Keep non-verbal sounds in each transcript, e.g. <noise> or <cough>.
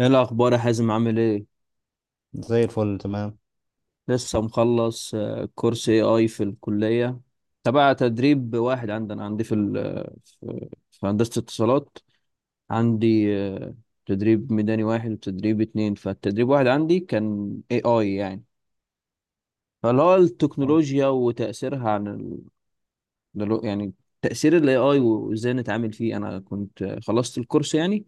ايه الاخبار يا حازم؟ عامل ايه؟ زي الفل، تمام. لسه مخلص كورس اي اي في الكليه تبع تدريب واحد عندنا عندي في ال في هندسه اتصالات. عندي تدريب ميداني واحد وتدريب اتنين. فالتدريب واحد عندي كان اي اي يعني، فاللي هو التكنولوجيا وتاثيرها عن يعني تاثير الاي اي وازاي نتعامل فيه. انا كنت خلصت الكورس يعني،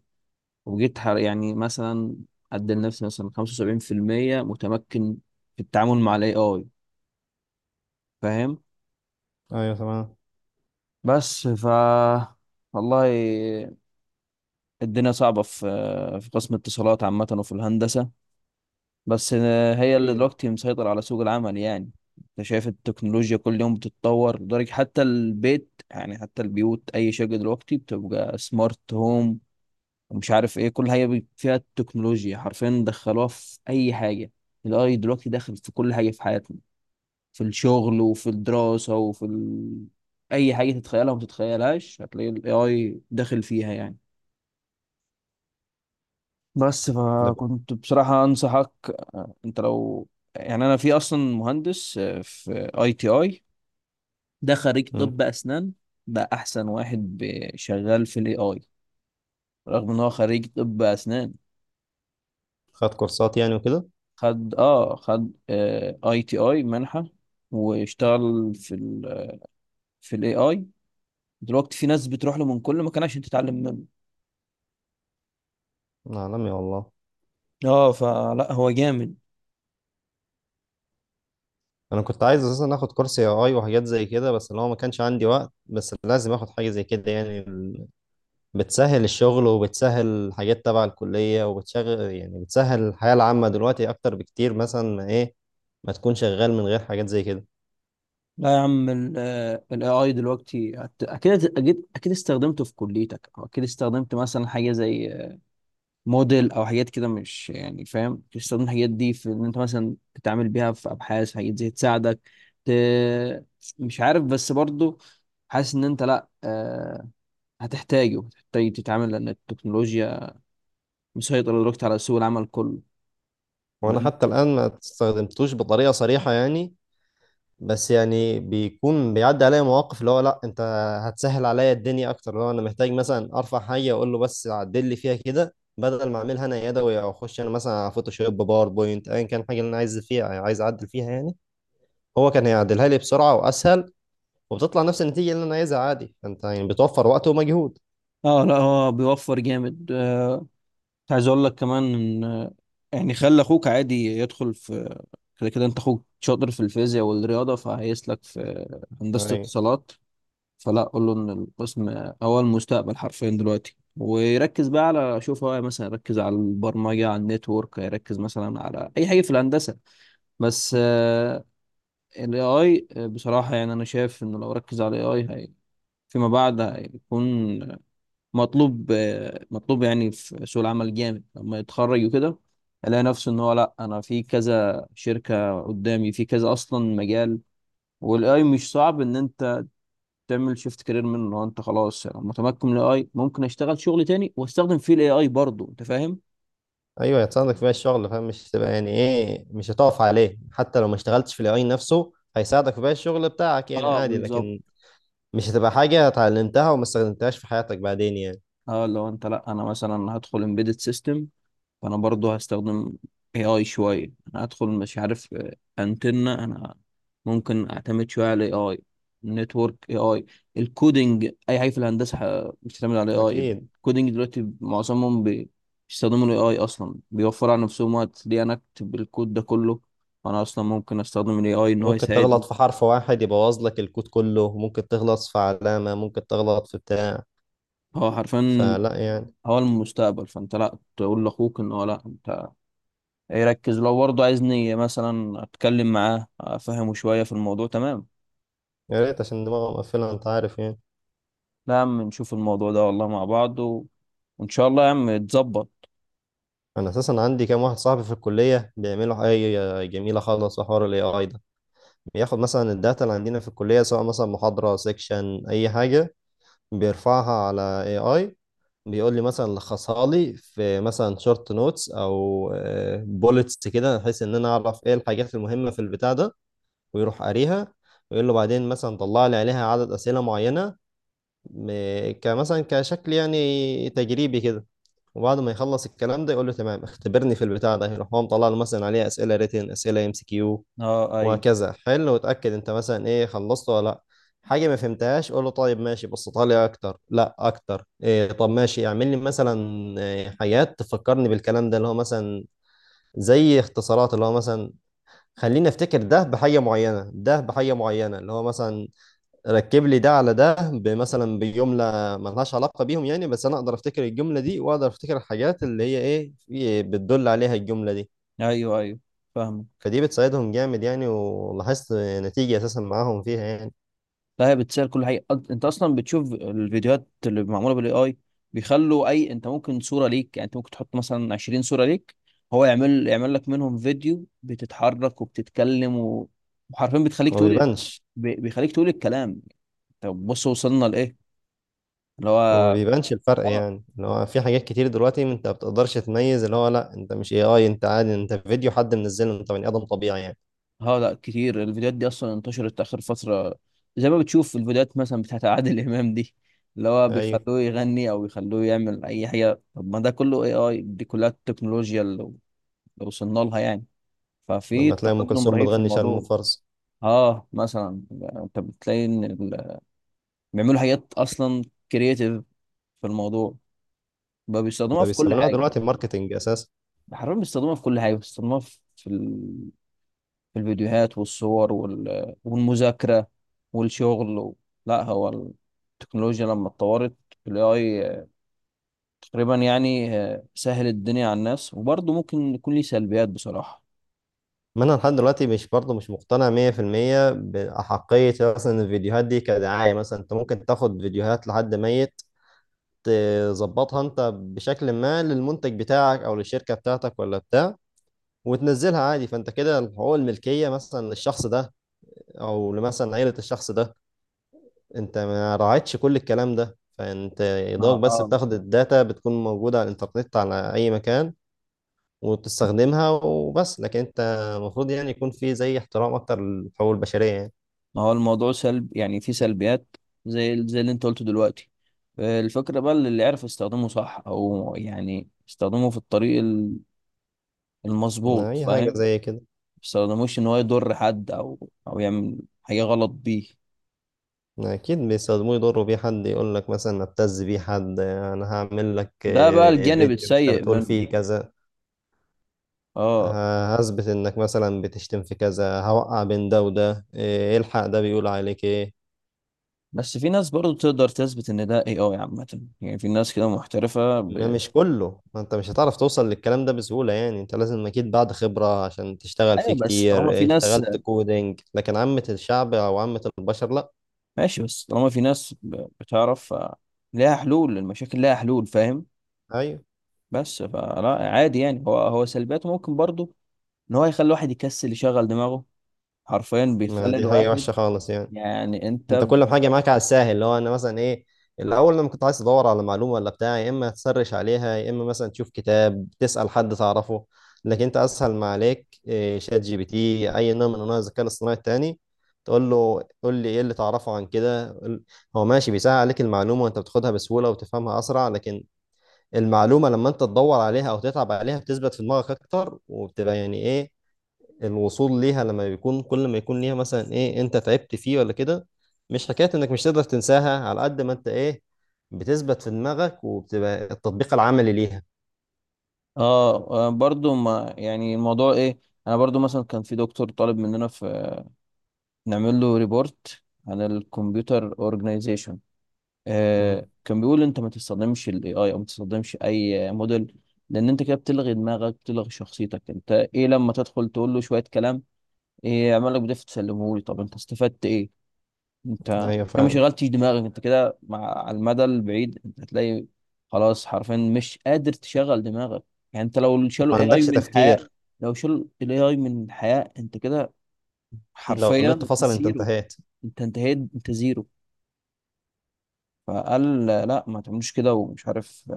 يعني مثلا ادي لنفسي مثلا 75% متمكن في التعامل مع الاي اي. فاهم؟ ايوه، تمام. بس والله الدنيا صعبة في قسم الاتصالات عامة، وفي الهندسة بس هي اللي أكيد. دلوقتي مسيطرة على سوق العمل يعني. انت شايف التكنولوجيا كل يوم بتتطور، لدرجة حتى البيت يعني حتى البيوت. أي شركة دلوقتي بتبقى سمارت هوم، ومش عارف ايه، كل حاجة فيها التكنولوجيا. حرفيا دخلوها في أي حاجة. الاي دلوقتي داخل في كل حاجة في حياتنا، في الشغل وفي الدراسة أي حاجة تتخيلها وما تتخيلهاش هتلاقي ال AI داخل فيها يعني. بس ده ب- فكنت بصراحة أنصحك أنت لو يعني، أنا في أصلا مهندس في أي تي أي، ده خريج مم. طب أسنان، بقى أحسن واحد شغال في ال AI، رغم إن هو خريج طب أسنان. خد كورسات يعني وكده؟ خد أي تي أي منحة، واشتغل في ال AI. دلوقتي في ناس بتروح له من كل مكان عشان تتعلم منه. عالمي والله. اه، فلا، هو جامد. انا كنت عايز اساسا اخد كورس اي اي وحاجات زي كده، بس اللي هو ما كانش عندي وقت، بس لازم اخد حاجه زي كده، يعني بتسهل الشغل وبتسهل حاجات تبع الكليه وبتشغل، يعني بتسهل الحياه العامه دلوقتي اكتر بكتير، مثلا ما ايه ما تكون شغال من غير حاجات زي كده. لا يا عم، الاي اي دلوقتي اكيد اكيد اكيد استخدمته في كليتك، او اكيد استخدمت مثلا حاجه زي موديل او حاجات كده مش يعني. فاهم؟ أكيد استخدمت الحاجات دي في ان انت مثلا تتعامل بيها في ابحاث، حاجات زي تساعدك ت... مش عارف. بس برضو حاسس ان انت، لا هتحتاجه هتحتاج تتعامل، لان التكنولوجيا مسيطره دلوقتي على سوق العمل كله. أنا وانا عندي- حتى الان ما استخدمتوش بطريقه صريحه يعني، بس يعني بيكون بيعدي عليا مواقف اللي هو لا انت هتسهل عليا الدنيا اكتر، اللي هو انا محتاج مثلا ارفع حاجه اقول له بس عدل لي فيها كده بدل ما اعملها انا يدوي، او اخش انا مثلا على فوتوشوب، باوربوينت، ايا كان حاجه اللي انا عايز فيها، عايز اعدل فيها يعني. هو كان هيعدلها لي بسرعه واسهل، وبتطلع نفس النتيجه اللي انا عايزها عادي، فانت يعني بتوفر وقت ومجهود. اه لا، هو بيوفر جامد. مش عايز اقول لك كمان ان يعني خلي اخوك عادي يدخل في، كده كده انت اخوك شاطر في الفيزياء والرياضه، فهيسلك في هندسه ايوه، اتصالات. فلا، قول له ان القسم هو المستقبل حرفيا دلوقتي، ويركز بقى على، شوف هو مثلا يركز على البرمجه، على النتورك، يركز مثلا على اي حاجه في الهندسه، بس الاي اي بصراحه يعني. انا شايف انه لو ركز على الاي اي هي فيما بعد هيكون مطلوب، مطلوب يعني في سوق العمل جامد لما يتخرج، وكده الاقي نفسه ان هو لا، انا في كذا شركة قدامي، في كذا اصلا مجال. والاي مش صعب ان انت تعمل شيفت كارير منه. لو انت خلاص يعني متمكن من الاي، ممكن اشتغل شغل تاني واستخدم فيه الاي اي برضه. انت فاهم؟ ايوه هتساعدك فيها الشغل، فاهم، مش تبقى يعني ايه، مش هتقف عليه، حتى لو ما اشتغلتش في الاي نفسه هيساعدك في باقي الشغل بتاعك يعني اه عادي. بالظبط. لكن مش هتبقى حاجة اتعلمتها وما استخدمتهاش في حياتك بعدين يعني. اه لو انت، لا انا مثلا هدخل امبيدد سيستم، فانا برضو هستخدم اي اي شويه. انا هدخل مش عارف انتنة انا ممكن اعتمد شويه على اي اي، نتورك، اي اي، الكودينج، اي حاجه في الهندسه بتعتمد على اي اي. أكيد. الكودينج دلوقتي معظمهم بيستخدموا الاي اي اصلا، بيوفر على نفسهم وقت. ليه انا اكتب الكود ده كله؟ انا اصلا ممكن استخدم الاي اي ان هو ممكن يساعدني. تغلط في حرف واحد يبوظ لك الكود كله، ممكن تغلط في علامة، ممكن تغلط في بتاع، هو حرفيا فلا يعني. هو المستقبل. فانت لا، تقول لاخوك ان هو لا، انت يركز لو برضه عايز، نية مثلا اتكلم معاه افهمه شوية في الموضوع. تمام؟ يا ريت، عشان دماغه مقفلة، أنت عارف يعني. لا يا عم، نشوف الموضوع ده والله مع بعض وان شاء الله يا عم يتظبط. أنا أساسا عندي كام واحد صاحبي في الكلية بيعملوا حاجة جميلة خالص في حوار ال AI ده. بياخد مثلا الداتا اللي عندنا في الكلية، سواء مثلا محاضرة، سيكشن، أي حاجة، بيرفعها على AI، بيقول لي مثلا لخصها لي في مثلا شورت نوتس او بولتس كده، بحيث ان انا اعرف ايه الحاجات المهمه في البتاع ده، ويروح قاريها، ويقول له بعدين مثلا طلع لي عليها عدد اسئله معينه، كمثلا كشكل يعني تجريبي كده، وبعد ما يخلص الكلام ده يقول له تمام اختبرني في البتاع ده، يروح هو مطلع له مثلا عليها اسئله ريتن، اسئله ام سي كيو، اه، ايوه، وهكذا، حل وتأكد انت مثلا ايه، خلصت ولا لا، حاجة ما فهمتهاش قول له طيب ماشي بسطها لي اكتر، لا اكتر إيه، طب ماشي اعمل لي مثلا إيه حاجات تفكرني بالكلام ده، اللي هو مثلا زي اختصارات، اللي هو مثلا خليني افتكر ده بحاجة معينة، ده بحاجة معينة، اللي هو مثلا ركب لي ده على ده، مثلا بجملة ملهاش علاقة بيهم يعني، بس انا اقدر افتكر الجملة دي واقدر افتكر الحاجات اللي هي ايه بتدل عليها الجملة دي. ايوه، ايوه، فاهمك. فدي بتساعدهم جامد يعني، ولاحظت نتيجة أساسا معاهم فيها يعني. لا، هي بتسهل كل حاجة. انت اصلا بتشوف الفيديوهات اللي معمولة بالاي اي. بيخلوا اي، انت ممكن صورة ليك، يعني انت ممكن تحط مثلا 20 صورة ليك، هو يعمل لك منهم فيديو بتتحرك وبتتكلم وحرفيا بتخليك هو ما تقول، بيبانش. بيخليك تقول الكلام. طب بص، وصلنا لايه؟ اللي هو ما هو، بيبانش الفرق اه يعني، اللي هو في حاجات كتير دلوقتي انت ما بتقدرش تميز، اللي هو لا انت مش اي اي، انت عادي، انت فيديو حد منزله، انت بني ادم طبيعي يعني. اه لا، كتير الفيديوهات دي اصلا انتشرت اخر فتره. زي ما بتشوف الفيديوهات مثلا بتاعت عادل <laughs> امام دي، اللي هو ايوه. بيخلوه يغني او بيخلوه يعمل اي حاجه. طب ما ده كله اي اي، دي كلها التكنولوجيا اللي وصلنا لها يعني. ففي لما تلاقي ام تقدم كلثوم رهيب في بتغني شارمو الموضوع. فرز. اه مثلا، انت بتلاقي ان بيعملوا حاجات اصلا كرييتيف في الموضوع، بقى بيستخدموها ده في كل بيستعملوها حاجه. دلوقتي ماركتنج اساسا. حرفيا بيستخدموها في كل حاجه، بيستخدموها في الفيديوهات والصور والمذاكرة والشغل لا، هو التكنولوجيا لما اتطورت، ال AI تقريبا يعني سهل الدنيا على الناس، وبرضه ممكن يكون ليه سلبيات بصراحة. ما انا لحد دلوقتي مش برضه مش مقتنع 100% باحقيه مثلا الفيديوهات دي كدعايه، مثلا انت ممكن تاخد فيديوهات لحد ميت، تظبطها انت بشكل ما للمنتج بتاعك او للشركه بتاعتك ولا بتاع، وتنزلها عادي. فانت كده حقوق الملكيه مثلا للشخص ده، او مثلا عيلة الشخص ده، انت ما راعيتش كل الكلام ده. فانت يا ما دوبك بس آه. بتاخد الداتا بتكون موجودة على الانترنت على اي مكان، وبتستخدمها وبس. لكن انت المفروض يعني يكون في زي احترام اكتر للحقوق البشرية يعني، ما هو الموضوع سلب يعني، في سلبيات زي اللي انت قلته دلوقتي. الفكرة بقى اللي يعرف يستخدمه صح، او يعني يستخدمه في الطريق المظبوط. اي فاهم؟ حاجة ما زي كده. يستخدموش ان هو يضر حد، او او يعمل حاجة غلط بيه. اكيد بيستخدموه يضروا بيه حد، يقول لك مثلا ابتز بيه حد، انا هعمل لك ده بقى الجانب فيديو انت السيء بتقول منه. فيه كذا، اه، هثبت انك مثلا بتشتم في كذا، هوقع بين ده وده، إيه، الحق ده بيقول عليك ايه. بس في ناس برضو تقدر تثبت ان ده اي اي عامة، يعني في ناس كده محترفة ما مش كله، ما انت مش هتعرف توصل للكلام ده بسهولة يعني، انت لازم اكيد بعد خبرة عشان تشتغل فيه ايوه، بس طالما في كتير، ناس، اشتغلت كودينج، لكن عامة الشعب او عامة البشر لا. ماشي، بس طالما في ناس بتعرف، ليها حلول، المشاكل ليها حلول. فاهم؟ ايوه. بس فلا عادي يعني، هو سلبياته ممكن برضو ان هو يخلي الواحد يكسل يشغل دماغه، حرفيا ما بيخلي دي حاجة الواحد وحشة خالص يعني. يعني، انت كل حاجه معاك على الساهل، اللي هو انا مثلا ايه، الاول لما كنت عايز تدور على معلومه ولا بتاع، يا اما تسرش عليها، يا اما مثلا تشوف كتاب، تسال حد تعرفه. لكن انت اسهل ما عليك إيه، شات جي بي تي، اي نوع من انواع الذكاء الاصطناعي التاني، تقول له قول لي ايه اللي تعرفه عن كده، هو ماشي بيسهل عليك المعلومه، وانت بتاخدها بسهوله وتفهمها اسرع. لكن المعلومه لما انت تدور عليها او تتعب عليها بتثبت في دماغك اكتر، وبتبقى يعني ايه، الوصول ليها لما بيكون كل ما يكون ليها مثلا ايه، انت تعبت فيه ولا كده، مش حكاية انك مش تقدر تنساها على قد ما انت ايه، بتثبت في دماغك وبتبقى التطبيق العملي ليها. اه برضو ما يعني الموضوع ايه، انا برضو مثلا كان في دكتور طالب مننا في، نعمل له ريبورت عن الكمبيوتر اورجنايزيشن. مم. آه، كان بيقول انت ما تستخدمش الاي اي او ما تستخدمش اي موديل، لان انت كده بتلغي دماغك، بتلغي شخصيتك. انت ايه لما تدخل تقول له شويه كلام ايه يعمل لك بدافع تسلمه لي؟ طب انت استفدت ايه؟ انت ايوه كده ما فعلا. شغلتش دماغك. انت كده مع، على المدى البعيد انت هتلاقي خلاص، حرفيا مش قادر تشغل دماغك. يعني انت لو شالوا ما اي اي عندكش من الحياه، تفكير. لو شالوا الاي اي من الحياه، انت كده لو النت حرفيا فصل انت زيرو. انتهيت. انت انتهيت، انت زيرو. فقال لا ما تعملوش كده، ومش عارف.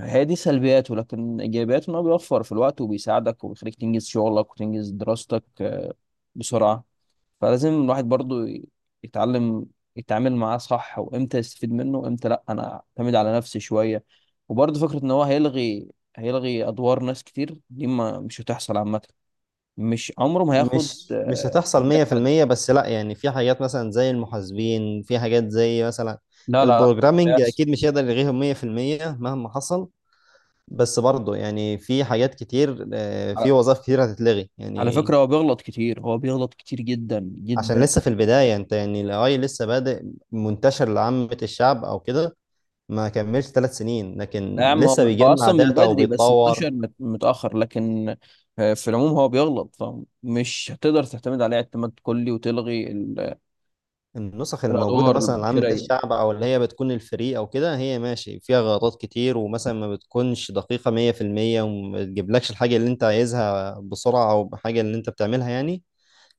هي دي سلبياته، لكن ايجابياته ان هو بيوفر في الوقت، وبيساعدك، وبيخليك تنجز شغلك وتنجز دراستك، بسرعة فلازم الواحد برضو يتعلم يتعامل معاه صح، وامتى يستفيد منه، وامتى لا انا اعتمد على نفسي شوية. وبرضو فكرة ان هو هيلغي ادوار ناس كتير، دي ما مش هتحصل عامة. مش عمره ما هياخد مش هتحصل مكان حد. 100%، بس لا يعني في حاجات مثلا زي المحاسبين، في حاجات زي مثلا لا، لا، لا، مش البروجرامينج هيحصل. اكيد مش هيقدر يلغيهم 100% مهما حصل. بس برضه يعني في حاجات كتير، في على وظائف كتير هتتلغي يعني. فكرة، هو بيغلط كتير، هو بيغلط كتير جدا عشان جدا. لسه في البداية، انت يعني ال AI لسه بادئ منتشر لعامة الشعب او كده، ما كملش 3 سنين، لا يا لكن عم، هو لسه هو بيجمع اصلا من داتا بدري، بس وبيتطور. انتشر متاخر. لكن في العموم هو بيغلط. فمش هتقدر تعتمد عليه اعتماد كلي وتلغي النسخ الموجودة الادوار مثلا لعامة البشريه. الشعب او اللي هي بتكون الفري او كده، هي ماشي فيها غلطات كتير، ومثلا ما بتكونش دقيقة 100%، وما بتجيبلكش الحاجة اللي انت عايزها بسرعة او بحاجة اللي انت بتعملها يعني.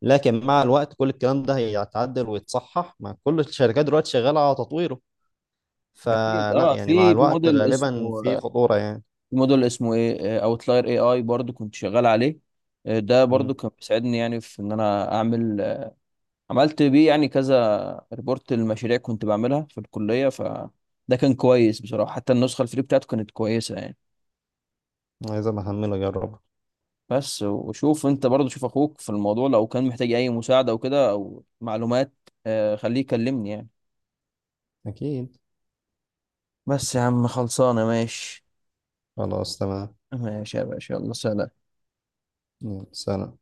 لكن مع الوقت كل الكلام ده هيتعدل ويتصحح، مع كل الشركات دلوقتي شغالة على تطويره. اكيد. فلا اه، يعني، مع في الوقت موديل غالبا اسمه، في خطورة يعني. في موديل اسمه ايه، اوتلاير اي اي، برضو كنت شغال عليه. ده برضو كان بيساعدني يعني في ان انا اعمل عملت بيه يعني كذا ريبورت للمشاريع كنت بعملها في الكليه. فده كان كويس بصراحه، حتى النسخه الفري بتاعته كانت كويسه يعني. عايز أبقى أحمله أجربه. بس، وشوف انت برضه، شوف اخوك في الموضوع، لو كان محتاج اي مساعدة او كده او معلومات، خليه يكلمني يعني. أكيد. بس يا عم، خلصانة، ماشي؟ خلاص تمام. ماشي يا باشا، يلا سلام. يلا سلام.